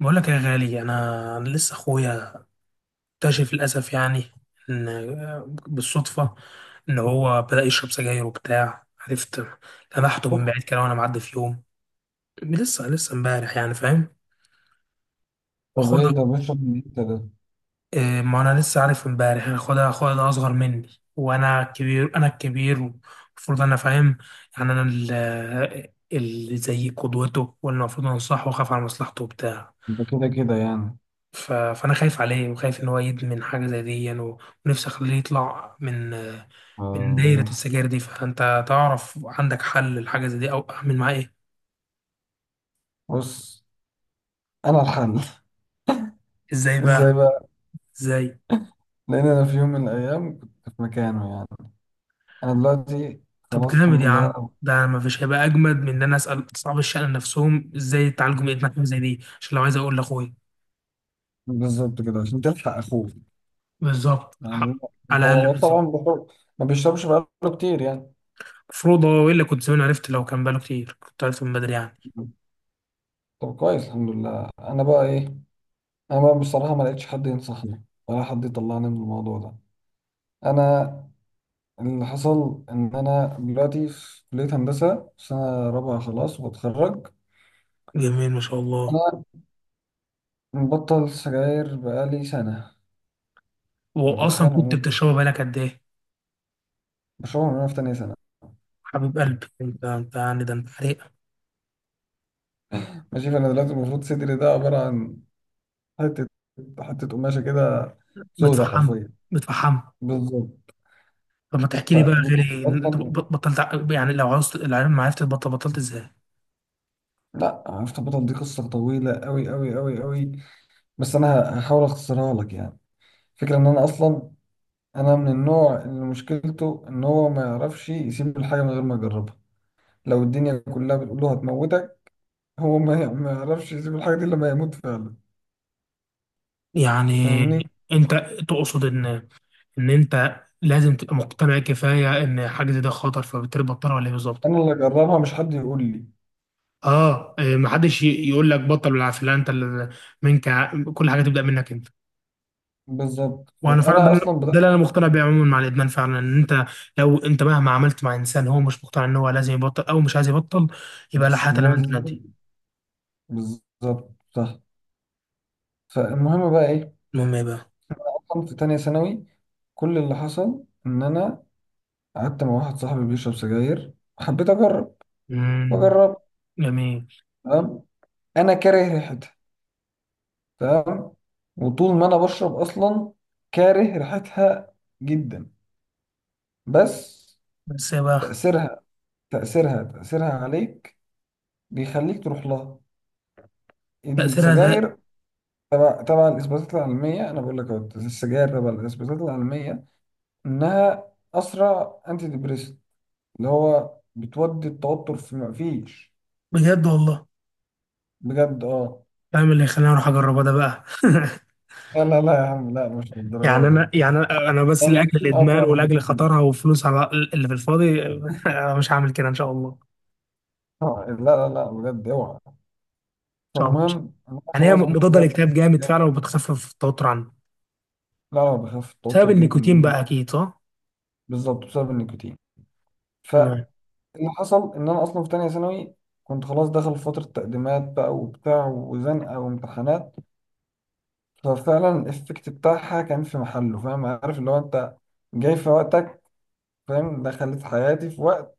بقول لك يا غالي، أنا لسه اخويا اكتشف للاسف يعني ان بالصدفه ان هو بدا يشرب سجاير وبتاع، عرفت؟ لمحته أوف، من بعيد كده وانا معدي في يوم. لسه امبارح يعني، فاهم؟ طب واخويا ايه ده ده- بيشرب من امتى ده؟ إيه، ما انا لسه عارف امبارح يعني. اخويا ده اصغر مني، وانا كبير، انا الكبير المفروض انا فاهم يعني. انا ال- آه، اللي زي قدوته، والمفروض انصحه واخاف على مصلحته وبتاع. ده كده كده يعني. فانا خايف عليه وخايف ان هو يدمن حاجه زي دي يعني. ونفسي اخليه يطلع من آه، دايره السجاير دي. فانت تعرف، عندك حل لحاجه زي دي؟ او اعمل معاه ايه؟ بص، انا الحل ازاي ازاي بقى؟ بقى؟ ازاي؟ لان انا في يوم من الايام كنت في مكانه يعني. انا دلوقتي طب خلاص جامد الحمد يا عم، لله. ده ما فيش هيبقى اجمد من ان انا اسال اصحاب الشأن نفسهم ازاي يتعالجوا من ادمان حاجه زي دي، عشان لو عايز اقول لاخويا بالظبط كده عشان تلحق اخوك بالظبط. يعني. الحق. على الاقل هو بالظبط. طبعا بخور. ما بيشربش بقاله كتير يعني. المفروض هو الا كنت زمان عرفت، لو كان باله كتير كنت عرفت من بدري يعني. طب كويس الحمد لله. انا بقى ايه، انا بقى بصراحة ما لقيتش حد ينصحني ولا حد يطلعني من الموضوع ده. انا اللي حصل إن أنا دلوقتي في كلية هندسة سنة رابعة خلاص وبتخرج. جميل، ما شاء الله. أنا مبطل سجاير بقالي سنة. واصلا الدخان كنت عموما بتشربه بقالك قد ايه؟ بشربها من وأنا في تانية سنة. حبيب قلبي انت، انت يعني ده انت حريق! ماشي، فأنا دلوقتي المفروض صدري ده عبارة عن حتة، حتة قماشة كده سودة متفحم، حرفيا. متفحم. بالظبط. طب ما تحكي لي بقى فاللي حصل غيري، أصلا، يعني لو عاوز العلم، ما عرفت تبطل؟ بطلت ازاي؟ لأ عرفت أبطل. دي قصة طويلة أوي أوي أوي أوي، بس أنا هحاول أختصرها لك يعني. فكرة إن أنا أصلا أنا من النوع اللي مشكلته إن هو ما يعرفش يسيب الحاجة من غير ما يجربها. لو الدنيا كلها بتقول له هتموتك، هو ما يعرفش يسيب الحاجة دي إلا لما يموت فعلا. يعني فاهمني، انت تقصد ان انت لازم تبقى مقتنع كفايه ان حاجه زي ده خطر فبالتالي بطلها؟ ولا ايه بالظبط؟ أنا اللي أجربها مش حد يقول لي. اه إيه، ما حدش يقول لك بطل بالعافيه، لا انت اللي- كل حاجه تبدا منك انت. بالظبط، وانا فعلا فأنا ده أصلا ده بدأت اللي انا مقتنع أفكر. بيه عموما مع الادمان فعلا. ان انت لو انت مهما عملت مع انسان هو مش مقتنع ان هو لازم يبطل او مش عايز يبطل، يبقى لا بس حياه لمن لازم. تنادي. بالظبط صح. فالمهم بقى إيه؟ المهم ايه بقى؟ أصلا في تانية ثانوي كل اللي حصل إن أنا قعدت مع واحد صاحبي بيشرب سجاير، حبيت أجرب. امم. فجربت. جميل. تمام. أنا كاره ريحتها. تمام. وطول ما أنا بشرب أصلا كاره ريحتها جدا. بس بس يا بقى. تأثيرها، تأثيرها عليك بيخليك تروح لها، تاثيرها ده، السجاير. تبع الإثباتات العلمية، أنا بقول لك أهو، السجاير تبع الإثباتات العلمية إنها أسرع أنتي ديبريسنت، اللي هو بتودي التوتر في مفيش. بجد والله؟ بجد أه. فاهم اللي يخليني اروح اجربها ده بقى. لا لا لا يا عم، لا مش يعني للدرجة دي. انا، أنا بس يعني لاجل كتير أه، الادمان يعني ولاجل كتير خطرها والفلوس على اللي في الفاضي. أنا مش هعمل كده ان شاء الله، ان آه، لا لا لا بجد اوعى. شاء الله. فالمهم انا يعني هي خلاص مضاده بدات. للاكتئاب جامد لا، فعلا وبتخفف التوتر عنه، لا بخاف بسبب التوتر جدا النيكوتين جدا. بقى اكيد صح؟ بالظبط، بسبب النيكوتين. تمام. اللي حصل ان انا اصلا في تانية ثانوي كنت خلاص داخل في فترة تقديمات بقى وبتاع وزنقة وامتحانات. ففعلا الافكت بتاعها كان في محله، فاهم، عارف اللي هو انت جاي في وقتك، فاهم، دخلت حياتي في وقت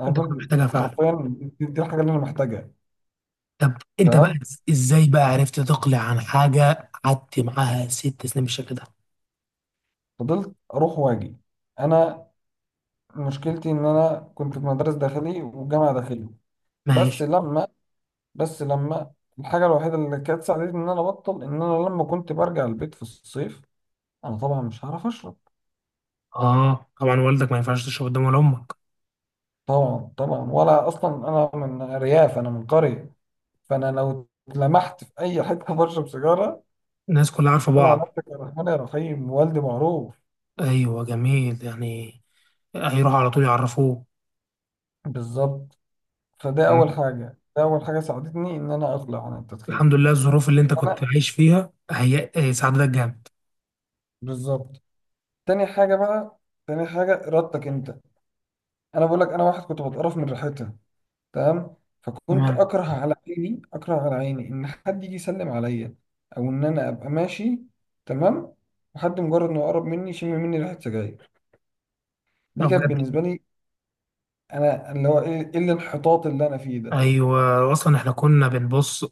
انا انت كنت كنت محتاجها فعلا. حرفيا دي الحاجة اللي انا محتاجها. طب انت بقى تمام. ازاي بقى عرفت تقلع عن حاجه قعدت معاها 6 سنين بالشكل ده؟ فضلت اروح واجي. انا مشكلتي ان انا كنت في مدرسة داخلي وجامعة داخلي. بس ماشي. لما بس لما الحاجة الوحيدة اللي كانت ساعدتني ان انا ابطل ان انا لما كنت برجع البيت في الصيف انا طبعا مش هعرف اشرب. اه طبعا، والدك ما ينفعش تشرب قدام، ولا امك. طبعا طبعا، ولا اصلا انا من ارياف، انا من قريه. فانا لو لمحت في اي حته بشرب سيجاره، الناس كلها عارفه قول على بعض. نفسك يا رحمن يا رحيم، والدي معروف. ايوه جميل يعني، هيروحوا على طول يعرفوه. بالظبط. فده اول تمام. حاجه، ده اول حاجه ساعدتني ان انا اقلع عن التدخين. الحمد لله، الظروف اللي انت انا كنت عايش فيها هي، ساعدتك جامد. بالظبط. تاني حاجه بقى، تاني حاجه ارادتك انت. انا بقول لك انا واحد كنت بتقرف من ريحتها. تمام. فكنت تمام. اكره على عيني، اكره على عيني ان حد يجي يسلم عليا او ان انا ابقى ماشي. تمام. وحد مجرد انه يقرب مني يشم مني ريحه سجاير، دي طب كانت بجد. بالنسبه لي انا اللي هو ايه إيه اللي الانحطاط اللي انا فيه ده. ايوه اصلا احنا كنا بنبص،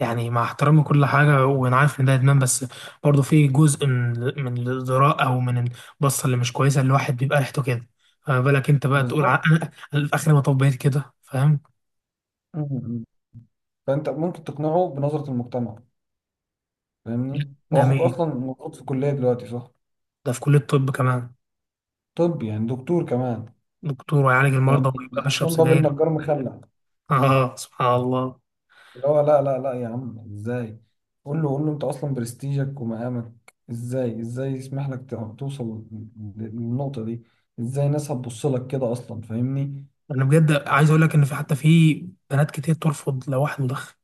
يعني مع احترام كل حاجه وانا عارف ان ده ادمان، بس برضه في جزء من الذراء، او من البصه اللي مش كويسه. الواحد بيبقى ريحته كده. فما بالك انت بقى تقول، بالظبط. أنا في اخر ما طبيت كده، فاهم؟ م- م. فانت ممكن تقنعه بنظره المجتمع. فاهمني، هو اخوك جميل. اصلا موجود في الكليه دلوقتي، صح؟ ده في كليه الطب كمان. طب يعني دكتور كمان، دكتور ويعالج المرضى يعني ويبقى حرفيا بيشرب باب سجاير؟ النجار مخلع. اه سبحان الله. اللي هو لا لا لا يا عم ازاي. قول له، قول له، انت اصلا برستيجك ومقامك ازاي، ازاي يسمح لك توصل للنقطة دي؟ ازاي الناس هتبص لك كده اصلا، فاهمني. انا بجد عايز اقول لك ان في، حتى في بنات كتير ترفض لو واحد مدخن.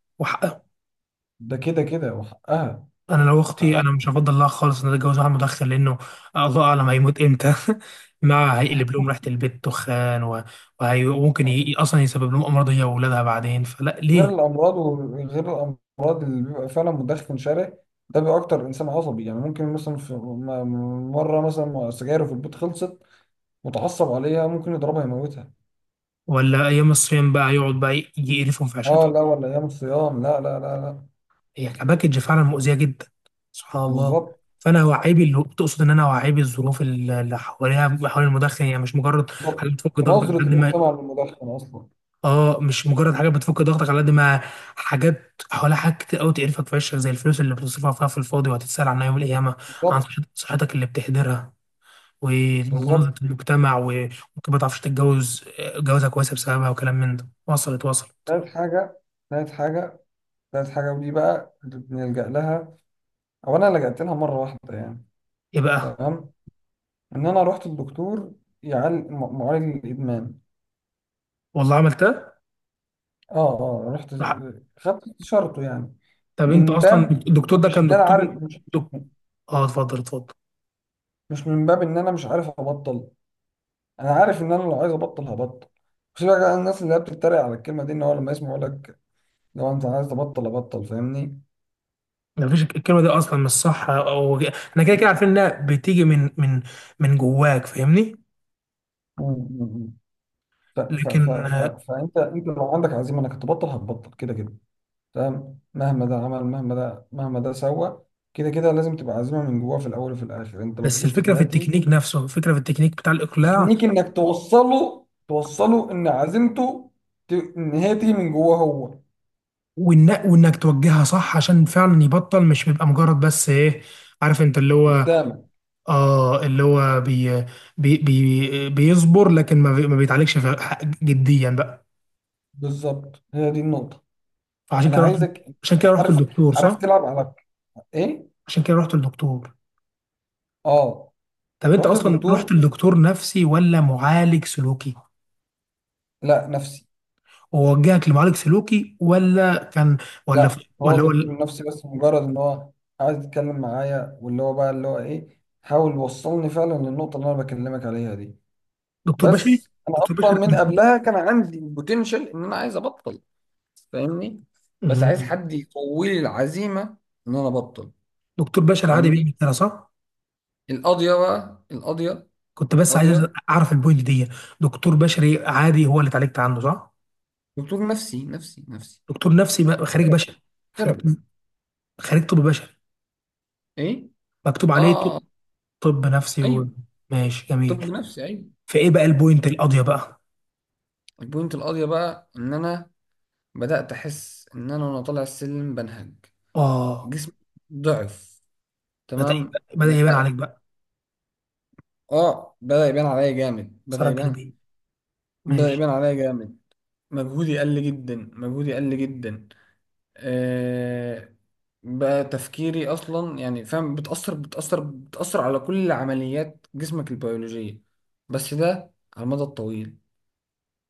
ده كده كده وحقها. انا لو اختي حقها. انا مش هفضل لها خالص ان اتجوز واحد مدخن، لانه الله اعلم هيموت امتى. مع هيقلب لهم ريحه البيت دخان، وممكن اصلا يسبب لهم امراض، هي واولادها بعدين، فلا غير ليه. الامراض، وغير الامراض اللي بيبقى فعلا مدخن شره، ده بيبقى اكتر انسان عصبي. يعني ممكن مثلا في مره مثلا سجايره في البيت خلصت، متعصب عليها ممكن يضربها يموتها. ولا ايام الصيام بقى يقعد بقى يقرفهم في اه عيشتهم. لا، ولا ايام الصيام، لا لا لا لا. هي كباكج فعلا مؤذيه جدا. سبحان الله. بالظبط. فانا وعيبي اللي تقصد ان انا وعيبي الظروف اللي حواليها، حوالين المدخن يعني، مش مجرد بالظبط حاجه بتفك ضغطك قد بنظرة ما. المجتمع للمدخن أصلا. اه، مش مجرد حاجات بتفك ضغطك على قد ما، حاجات حواليها حاجات كتير قوي تقرفك في عيشك، زي الفلوس اللي بتصرفها فيها في الفاضي وهتتسال عنها يوم القيامه، عن بالظبط. صحتك اللي بتهدرها، ومناظره بالظبط. المجتمع، وممكن ما تعرفش تتجوز جوازه كويسه بسببها، وكلام من ده. وصلت؟ وصلت. تالت حاجة، تالت حاجة، تالت حاجة ودي بقى اللي بنلجأ لها، أو أنا لجأت لها مرة واحدة يعني. ايه بقى؟ تمام. إن أنا رحت الدكتور يعالج، معالج الإدمان. والله عملتها. أه أه، رحت. لا. خدت استشارته يعني، طب انت من اصلا باب، الدكتور ده مش إن كان أنا دكتور؟ عارف، مش دك- اه اتفضل، اتفضل. مش من باب إن أنا مش عارف أبطل. أنا عارف إن أنا لو عايز أبطل هبطل. بس بقى الناس اللي هي بتتريق على الكلمة دي إن هو لما يسمعوا لك لو أنت عايز تبطل أبطل، فاهمني. ما فيش الكلمه دي اصلا مش صح، او احنا كده كده عارفين انها بتيجي من من جواك، فاهمني؟ مم، مم. ف ف ف لكن ف فانت انت لو عندك عزيمه انك تبطل هتبطل كده كده. تمام. مهما ده عمل، مهما ده، مهما ده سوى، كده كده لازم تبقى عزيمه من جواه في الاول وفي الاخر. انت لو بس فضلت الفكره في تهاتي، التكنيك نفسه، الفكره في التكنيك بتاع الاقلاع. تكنيك انك توصله، ان عزيمته ت... ان هي تيجي من جواه هو. وانك توجهها صح عشان فعلا يبطل، مش بيبقى مجرد بس ايه، عارف انت اللي هو. قدامك اه اللي هو بيصبر، لكن ما، ما بيتعالجش في... جديا بقى. بالظبط، هي دي النقطه. فعشان انا كده رحت. عايزك عشان كده رحت عارف للدكتور عارف صح؟ تلعب على ايه. عشان كده رحت للدكتور. اه، طب انت رحت اصلا الدكتور. رحت للدكتور نفسي ولا معالج سلوكي؟ لا، نفسي. ووجهك لمعالج سلوكي ولا كان، ولا، لا، هو ولا الدكتور ولا النفسي بس مجرد ان هو عايز يتكلم معايا، واللي هو بقى اللي هو ايه حاول يوصلني فعلا للنقطة اللي انا بكلمك عليها دي. دكتور بشري. بس انا دكتور اصلا بشري. من قبلها كان عندي البوتنشال ان انا عايز ابطل، فاهمني. بس عايز مم. حد يقوي لي العزيمة ان انا ابطل، دكتور بشري عادي فاهمني. بيعمل كده صح؟ القاضية بقى، القاضية، كنت بس عايز القاضية. اعرف البوينت دي. دكتور بشري عادي هو اللي اتعالجت عنه صح؟ دكتور نفسي نفسي نفسي، خريج ثيرابيست. بشري. خريج. ثيرابيست. خريج طب بشري. ايه، مكتوب اه، عليه ط- طب نفسي ايوه، ماشي، طب جميل. نفسي، ايوه. فايه بقى البوينت القاضية بقى؟ البوينت القاضية بقى ان انا بدأت أحس إن أنا وأنا طالع السلم بنهج، اه، جسمي ضعف. تمام، بدأ يبان عليك بدأت. بقى آه، بدأ يبان عليا جامد، بدأ الثغرة يبان. الجانبية. بدأ ماشي. يبان عليا جامد، مجهودي قل جدا، مجهودي قل جدا. آه. بقى تفكيري أصلا يعني فاهم، بتأثر على كل عمليات جسمك البيولوجية، بس ده على المدى الطويل،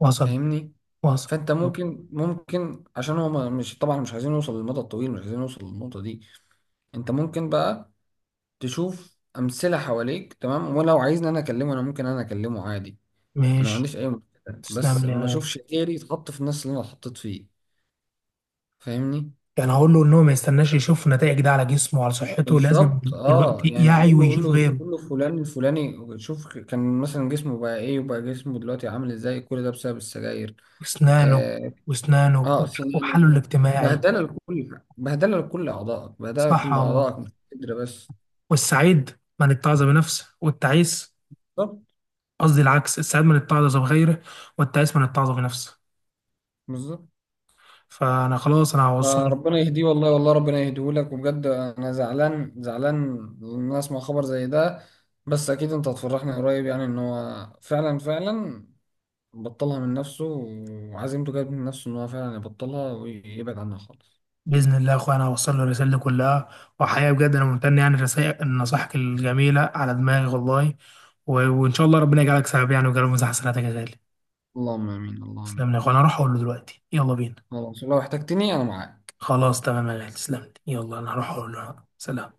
وصل. فاهمني. وصل. فأنت طب، ممكن، عشان هو مش طبعا مش عايزين نوصل للمدى الطويل، مش عايزين نوصل للنقطة دي. انت ممكن بقى تشوف امثله حواليك. تمام. ولو عايزني انا اكلمه انا ممكن انا اكلمه عادي، انا ما ماشي. عنديش اي مشكله. بس تسلم لي يا ما غالي. اشوفش غيري يتحط في الناس اللي انا اتحطيت فيه، فاهمني. يعني هقول له ان هو ما يستناش يشوف نتائج ده على جسمه وعلى صحته، لازم بالظبط اه، دلوقتي يعني يعي قول له، قول ويشوف له، غيره. قول له فلان الفلاني، شوف كان مثلا جسمه بقى ايه وبقى جسمه دلوقتي عامل ازاي، كل ده بسبب السجاير. وأسنانه. اه، وأسنانه. آه سنانه. وحاله الاجتماعي. بهدله لكل اعضائك، بهدله صح لكل والله. اعضائك، مش قدر بس. والسعيد من اتعظ بنفسه والتعيس... بالظبط. قصدي العكس، السعيد من اتعظ بغيره والتعيس من اتعظ بنفسه. بالظبط. فأنا خلاص أنا هوصل. آه، ربنا يهديه والله، والله ربنا يهديه لك. وبجد انا زعلان، زعلان ان انا اسمع خبر زي ده. بس اكيد انت هتفرحني قريب يعني ان هو فعلا، فعلا بطلها من نفسه وعزيمته جت من نفسه ان هو فعلا يبطلها ويبعد عنها خالص. بإذن الله يا أخويا، أنا هوصل له الرسالة دي كلها. وحقيقة بجد أنا ممتن يعني لرسائل نصائحك الجميلة على دماغي والله. وإن شاء الله ربنا يجعلك سبب يعني، ويجعله مزاح حسناتك يا غالي. اللهم امين، اللهم تسلم لي يا أخويا، امين. أنا هروح أقول له دلوقتي، يلا بينا. خلاص، لو احتجتني انا معاك. خلاص، تمام يا غالي، تسلم لي، يلا أنا هروح أقول له. سلام.